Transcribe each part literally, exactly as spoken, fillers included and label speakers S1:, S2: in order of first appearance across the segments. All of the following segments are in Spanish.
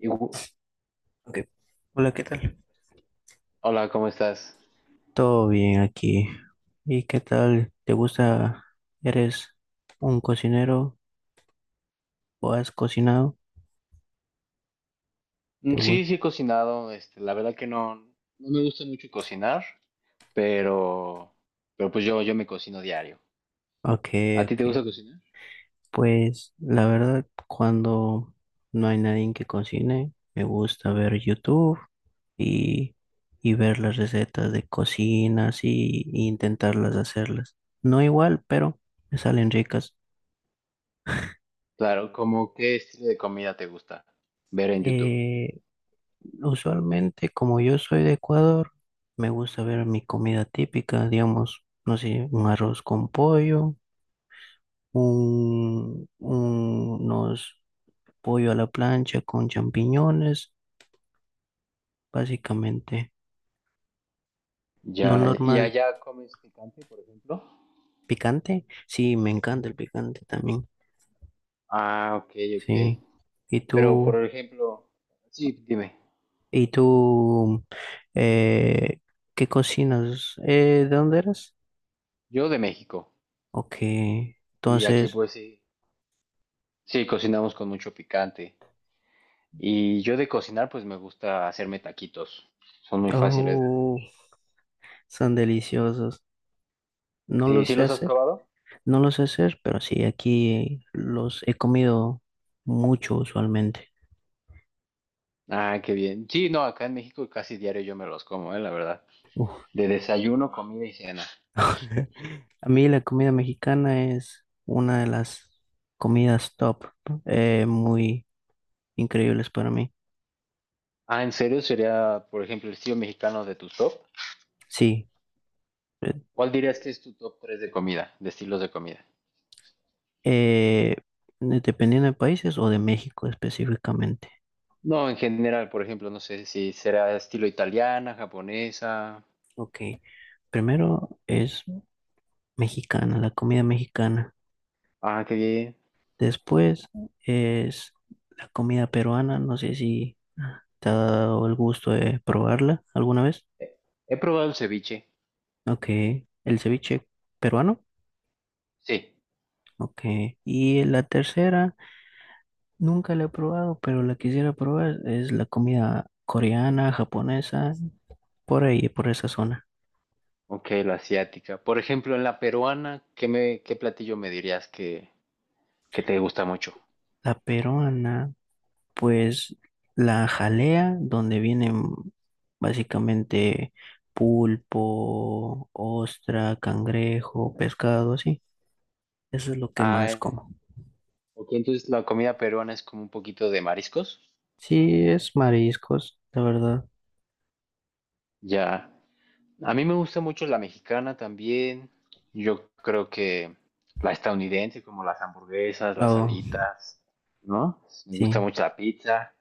S1: Y
S2: Ok. Hola, ¿qué tal?
S1: hola, ¿cómo estás?
S2: Todo bien aquí. ¿Y qué tal? ¿Te gusta? ¿Eres un cocinero o has cocinado?
S1: Mm,
S2: ¿Te
S1: Sí,
S2: gusta?
S1: sí he cocinado, este, la verdad que no, no me gusta mucho cocinar, pero, pero pues yo, yo me cocino diario.
S2: Ok,
S1: ¿A ti
S2: ok.
S1: te gusta cocinar?
S2: Pues la verdad, cuando no hay nadie que cocine, me gusta ver YouTube y, y ver las recetas de cocinas y, y intentarlas hacerlas. No igual, pero me salen ricas.
S1: Claro, ¿cómo qué estilo de comida te gusta ver en YouTube?
S2: Eh, Usualmente, como yo soy de Ecuador, me gusta ver mi comida típica, digamos, no sé, un arroz con pollo, un, un- unos pollo a la plancha con champiñones, básicamente. Lo
S1: Ya, ¿y
S2: normal,
S1: allá comes picante, por ejemplo?
S2: picante, sí, me encanta
S1: Ujú.
S2: el picante también,
S1: Ah, ok, ok.
S2: sí. ¿Y
S1: Pero
S2: tú,
S1: por ejemplo, sí, dime,
S2: y tú, eh, qué cocinas? Eh, ¿de dónde eres?
S1: yo de México,
S2: Ok,
S1: y aquí
S2: entonces,
S1: pues sí, sí cocinamos con mucho picante. Y yo de cocinar, pues me gusta hacerme taquitos. Son muy fáciles de hacer.
S2: oh. Son deliciosos. No lo
S1: ¿Sí, sí
S2: sé
S1: los has
S2: hacer,
S1: probado?
S2: no lo sé hacer, pero sí, aquí los he comido mucho usualmente.
S1: Ah, qué bien. Sí, no, acá en México casi diario yo me los como, eh, la verdad.
S2: Uf.
S1: De desayuno, wow, comida y cena.
S2: A mí la comida mexicana es una de las comidas top, eh, muy increíbles para mí.
S1: Ah, ¿en serio? Sería, por ejemplo, el estilo mexicano de tu top.
S2: Sí, eh,
S1: ¿Cuál dirías que es tu top tres de comida, de estilos de comida?
S2: eh, dependiendo de países o de México específicamente.
S1: No, en general, por ejemplo, no sé si será estilo italiana, japonesa.
S2: Ok, primero es mexicana, la comida mexicana.
S1: Ah, qué bien.
S2: Después es la comida peruana. No sé si te ha dado el gusto de probarla alguna vez.
S1: Eh, He probado el ceviche.
S2: Ok. El ceviche peruano.
S1: Sí.
S2: Ok. Y la tercera, nunca la he probado, pero la quisiera probar. Es la comida coreana, japonesa, por ahí, por esa zona.
S1: Ok, la asiática. Por ejemplo, en la peruana, ¿qué me, qué platillo me dirías que, que te gusta mucho?
S2: La peruana, pues la jalea, donde vienen básicamente pulpo, ostra, cangrejo, pescado, así. Eso es lo que
S1: Ah,
S2: más
S1: eh,
S2: como.
S1: ok, entonces la comida peruana es como un poquito de mariscos.
S2: Sí, es mariscos, la verdad.
S1: Ya. A mí me gusta mucho la mexicana también. Yo creo que la estadounidense, como las hamburguesas, las
S2: Oh,
S1: alitas, ¿no? Me gusta
S2: sí,
S1: mucho la pizza.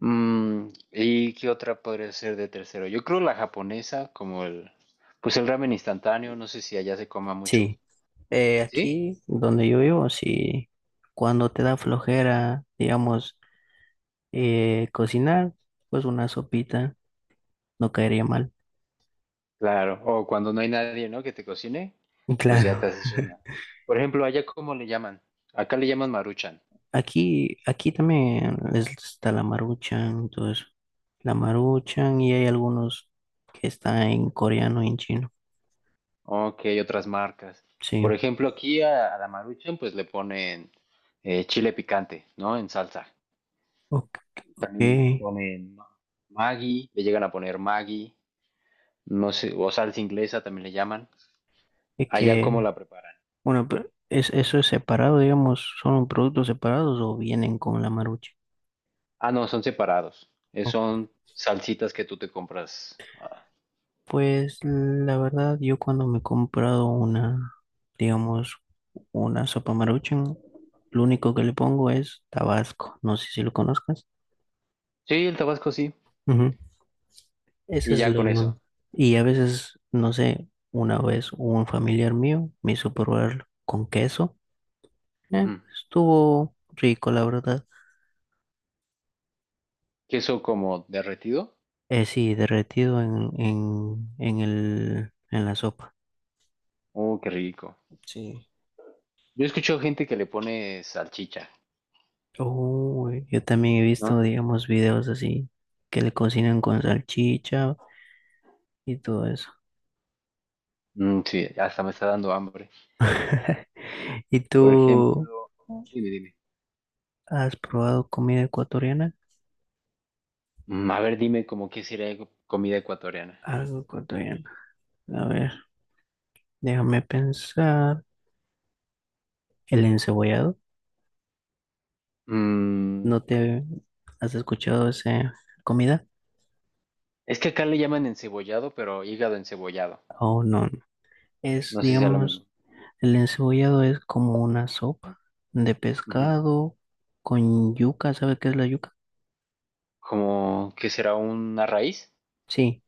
S1: Mm, ¿y qué otra podría ser de tercero? Yo creo la japonesa, como el, pues el ramen instantáneo, no sé si allá se coma mucho.
S2: sí. Eh,
S1: ¿Sí?
S2: aquí donde yo vivo, sí, cuando te da flojera, digamos, eh, cocinar, pues una sopita no caería mal.
S1: Claro, o cuando no hay nadie, ¿no? Que te cocine,
S2: Y
S1: pues ya te
S2: claro.
S1: haces una. Por ejemplo, ¿allá cómo le llaman? Acá le llaman Maruchan.
S2: Aquí, aquí también es- está la maruchan, entonces la maruchan y hay algunos que están en coreano y en chino.
S1: Ok, otras marcas. Por
S2: Sí.
S1: ejemplo, aquí a, a la Maruchan pues le ponen eh, chile picante, ¿no? En salsa.
S2: Ok.
S1: También le ponen ma- Maggi, le llegan a poner Maggi, no sé, o salsa inglesa también le llaman.
S2: Es
S1: Allá cómo
S2: que
S1: la preparan.
S2: Bueno, pero ¿es, eso es separado, digamos, son productos separados o vienen con la marucha?
S1: Ah, no, son separados. Eh,
S2: O-
S1: son salsitas que tú te compras. Ah,
S2: Pues la verdad, yo cuando me he comprado una, digamos, una sopa maruchan, lo único que le pongo es tabasco, no sé si lo conozcas.
S1: sí, el Tabasco sí.
S2: Ujú. Ese
S1: Y
S2: es lo
S1: ya con
S2: lo
S1: eso.
S2: único. Y a veces, no sé, una vez un familiar mío me hizo probarlo con queso. Eh,
S1: Ujú.
S2: estuvo rico, la verdad.
S1: Queso como derretido.
S2: Eh, sí, derretido en, en, en el, en la sopa.
S1: Oh, qué rico.
S2: Sí.
S1: Yo escucho gente que le pone salchicha,
S2: Uy, yo también he visto,
S1: ¿no?
S2: digamos, videos así que le cocinan con salchicha y todo eso.
S1: Mm, sí, hasta me está dando hambre.
S2: ¿Y
S1: Por
S2: tú
S1: ejemplo, dime, dime.
S2: has probado comida ecuatoriana?
S1: Mm, a ver, dime como qué sería algo, comida ecuatoriana.
S2: Algo ecuatoriano. A ver, déjame pensar. ¿El encebollado?
S1: Mm,
S2: ¿No te has escuchado esa comida?
S1: es que acá le llaman encebollado, pero hígado encebollado.
S2: Oh, no, no. Es,
S1: No sé si sea lo mismo.
S2: digamos, el encebollado es como una sopa de
S1: Ujú.
S2: pescado con yuca. ¿Sabe qué es la yuca?
S1: Como que será una raíz,
S2: Sí,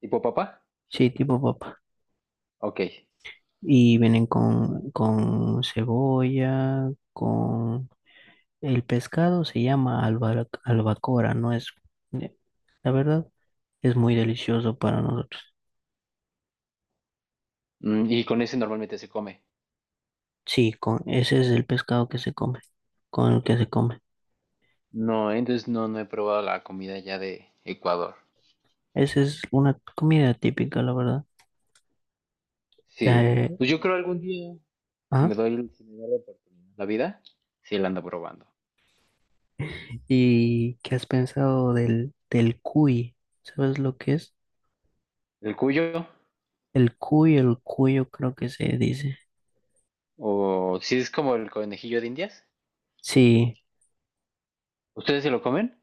S1: tipo papa.
S2: sí, tipo papa.
S1: Ok.
S2: Y vienen con, con cebolla, con... El pescado se llama alba- albacora, no es... eh, la verdad, es muy delicioso para nosotros.
S1: Mm, y con ese normalmente se come.
S2: Sí, con, ese es el pescado que se come, con el que se come.
S1: No, entonces no, no he probado la comida ya de Ecuador.
S2: Esa es una comida típica, la verdad.
S1: Sí,
S2: Eh,
S1: pues yo creo algún día, si
S2: ah,
S1: me doy, si me da la oportunidad, la vida, sí la ando probando.
S2: ¿Y qué has pensado del, del cuy? ¿Sabes lo que es?
S1: El cuyo,
S2: El cuy, el cuyo creo que se dice.
S1: o si es como el conejillo de Indias,
S2: Sí.
S1: ¿ustedes se lo comen?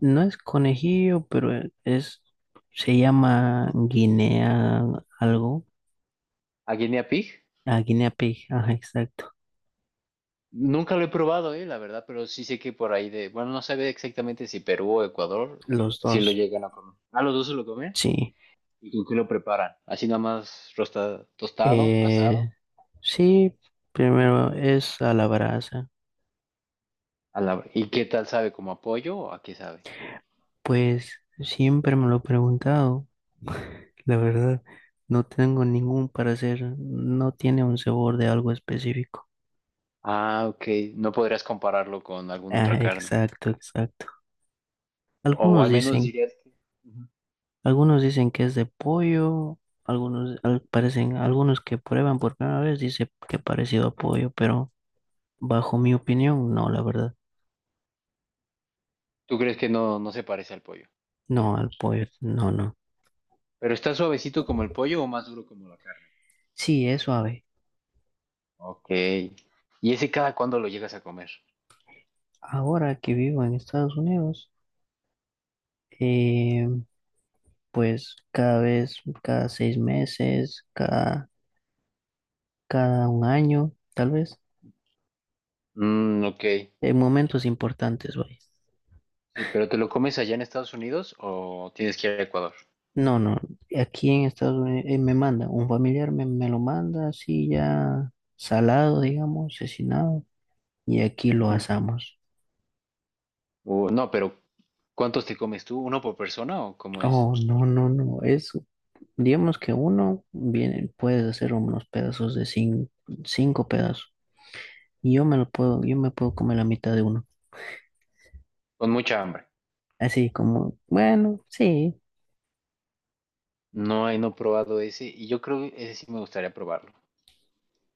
S2: No es conejillo, pero e- es, se llama Guinea algo.
S1: ¿A guinea pig?
S2: Ah, Guinea Pig, ajá, exacto.
S1: Nunca lo he probado, eh, la verdad, pero sí sé que por ahí de, bueno, no sabe exactamente si Perú o Ecuador,
S2: Los
S1: si lo
S2: dos,
S1: llegan a comer. ¿A los dos se lo comen?
S2: sí.
S1: ¿Y con qué lo preparan? Así nada más rosta- tostado, asado.
S2: Eh, sí, primero es a la brasa.
S1: a la- ¿Y qué tal sabe? ¿Como a pollo o a qué sabe?
S2: Pues siempre me lo he preguntado, la verdad. No tengo ningún parecer, no tiene un sabor de algo específico.
S1: Ah, ok, no podrías compararlo con alguna
S2: Ah,
S1: otra carne.
S2: exacto, exacto.
S1: O
S2: Algunos
S1: al menos
S2: dicen
S1: dirías que ujú,
S2: algunos dicen que es de pollo, algunos al- parecen, algunos que prueban por primera vez dice que parecido a pollo, pero bajo mi opinión, no, la verdad.
S1: tú crees que no, no se parece al pollo.
S2: No, al pollo, no, no.
S1: Pero está suavecito como el pollo o más duro como la carne.
S2: Sí, es suave.
S1: Ok. ¿Y ese cada cuándo lo llegas a comer?
S2: Ahora que vivo en Estados Unidos, eh, pues cada vez, cada seis meses, cada, cada un año, tal vez,
S1: Mm, ok.
S2: en momentos importantes, vaya.
S1: Sí, pero ¿te lo comes allá en Estados Unidos o tienes que ir a Ecuador?
S2: No, no, aquí en Estados Unidos eh, me manda, un familiar me, me lo manda así ya salado, digamos, asesinado, y aquí lo
S1: Ujú.
S2: asamos.
S1: Uh, no, pero ¿cuántos te comes tú? ¿Uno por persona o cómo es?
S2: Oh, no, no, no, eso. Digamos que uno viene, puedes hacer unos pedazos de cin- cinco pedazos, y yo me lo puedo, yo me puedo comer la mitad de uno.
S1: Con mucha hambre.
S2: Así como, bueno, sí,
S1: No, eh, no he probado ese y yo creo que ese sí me gustaría probarlo.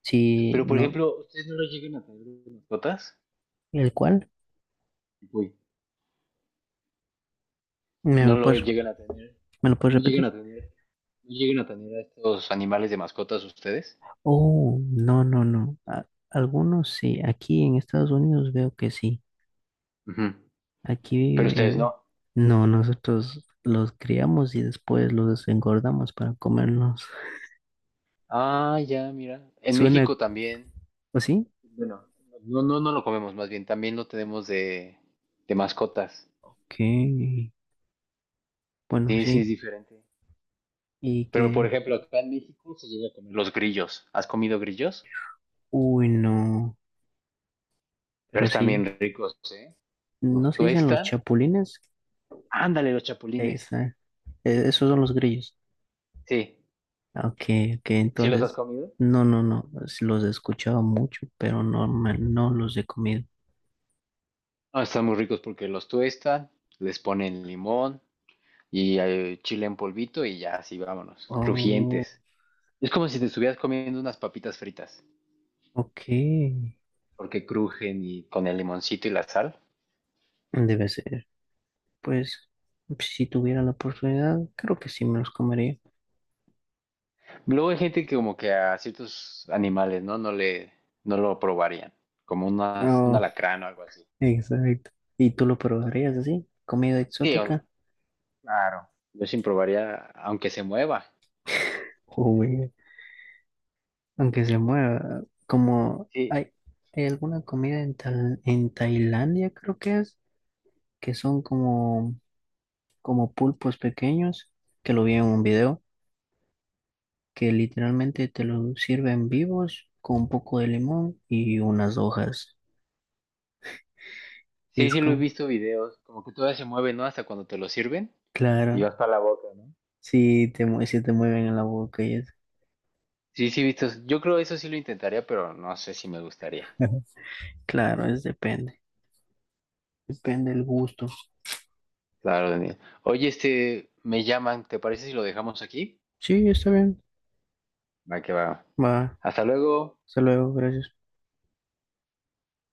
S2: sí,
S1: Pero por
S2: no,
S1: ejemplo, ¿ustedes no lo llegan a tener de mascotas?
S2: ¿el cual? ¿Me
S1: No
S2: lo
S1: lo
S2: puedes,
S1: llegan a tener,
S2: me lo puedes
S1: no llegan
S2: repetir?
S1: a tener, no llegan a tener a estos animales de mascotas ustedes.
S2: Oh, no, no, no. A- algunos sí, aquí en Estados Unidos veo que sí.
S1: Ujú.
S2: Aquí,
S1: Pero ustedes
S2: eh,
S1: no.
S2: no, nosotros los criamos y después los engordamos para comernos.
S1: Ah, ya, mira. En
S2: Suena
S1: México también.
S2: así,
S1: Bueno, no, no, no lo comemos, más bien, también lo tenemos de, de mascotas.
S2: que, bueno,
S1: Sí, sí,
S2: sí,
S1: es diferente.
S2: y
S1: Pero por
S2: que,
S1: ejemplo, acá en México se llega a comer los grillos. ¿Has comido grillos?
S2: uy, no,
S1: Pero
S2: pero
S1: están
S2: sí,
S1: bien ricos, ¿eh?
S2: ¿no
S1: Los
S2: se dicen los
S1: tuestan.
S2: chapulines?
S1: Ándale, los chapulines.
S2: Esa, e- esos son los grillos.
S1: Sí,
S2: Ah, ok, ok,
S1: ¿sí los has
S2: entonces,
S1: comido?
S2: no, no, no, es- los he escuchado mucho, pero no, me- no los he comido.
S1: Ah, están muy ricos porque los tuestan, les ponen limón y eh, chile en polvito y ya así vámonos,
S2: Oh,
S1: crujientes. Es como si te estuvieras comiendo unas papitas fritas,
S2: ok,
S1: porque crujen y con el limoncito y la sal.
S2: debe ser. Pues si tuviera la oportunidad, creo que sí me los comería.
S1: Luego hay gente que como que a ciertos animales, ¿no? No le, no lo probarían, como unas, un
S2: Oh,
S1: alacrán o algo así.
S2: exacto. ¿Y tú lo probarías así? ¿Comida
S1: Sí,
S2: exótica?
S1: o- claro. Yo sin probaría, aunque se mueva.
S2: Uy, aunque se mueva, como
S1: Sí,
S2: hay, hay alguna comida en, Tal- en Tailandia, creo que es, que son como, como pulpos pequeños, que lo vi en un video, que literalmente te lo sirven vivos con un poco de limón y unas hojas. Y
S1: sí,
S2: es
S1: sí lo he
S2: como,
S1: visto videos, como que todavía se mueve, ¿no? Hasta cuando te lo sirven y
S2: claro,
S1: vas para la boca, ¿no?
S2: si te, mue- sí te mueven en la boca y eso.
S1: Sí, sí, vistos. Yo creo eso sí lo intentaría, pero no sé si me gustaría.
S2: Claro, es depende. Depende el gusto.
S1: Claro, Daniel. Oye, este, me llaman, ¿te parece si lo dejamos aquí?
S2: Sí, está bien.
S1: Va que va.
S2: Va.
S1: Hasta luego.
S2: Hasta luego, gracias.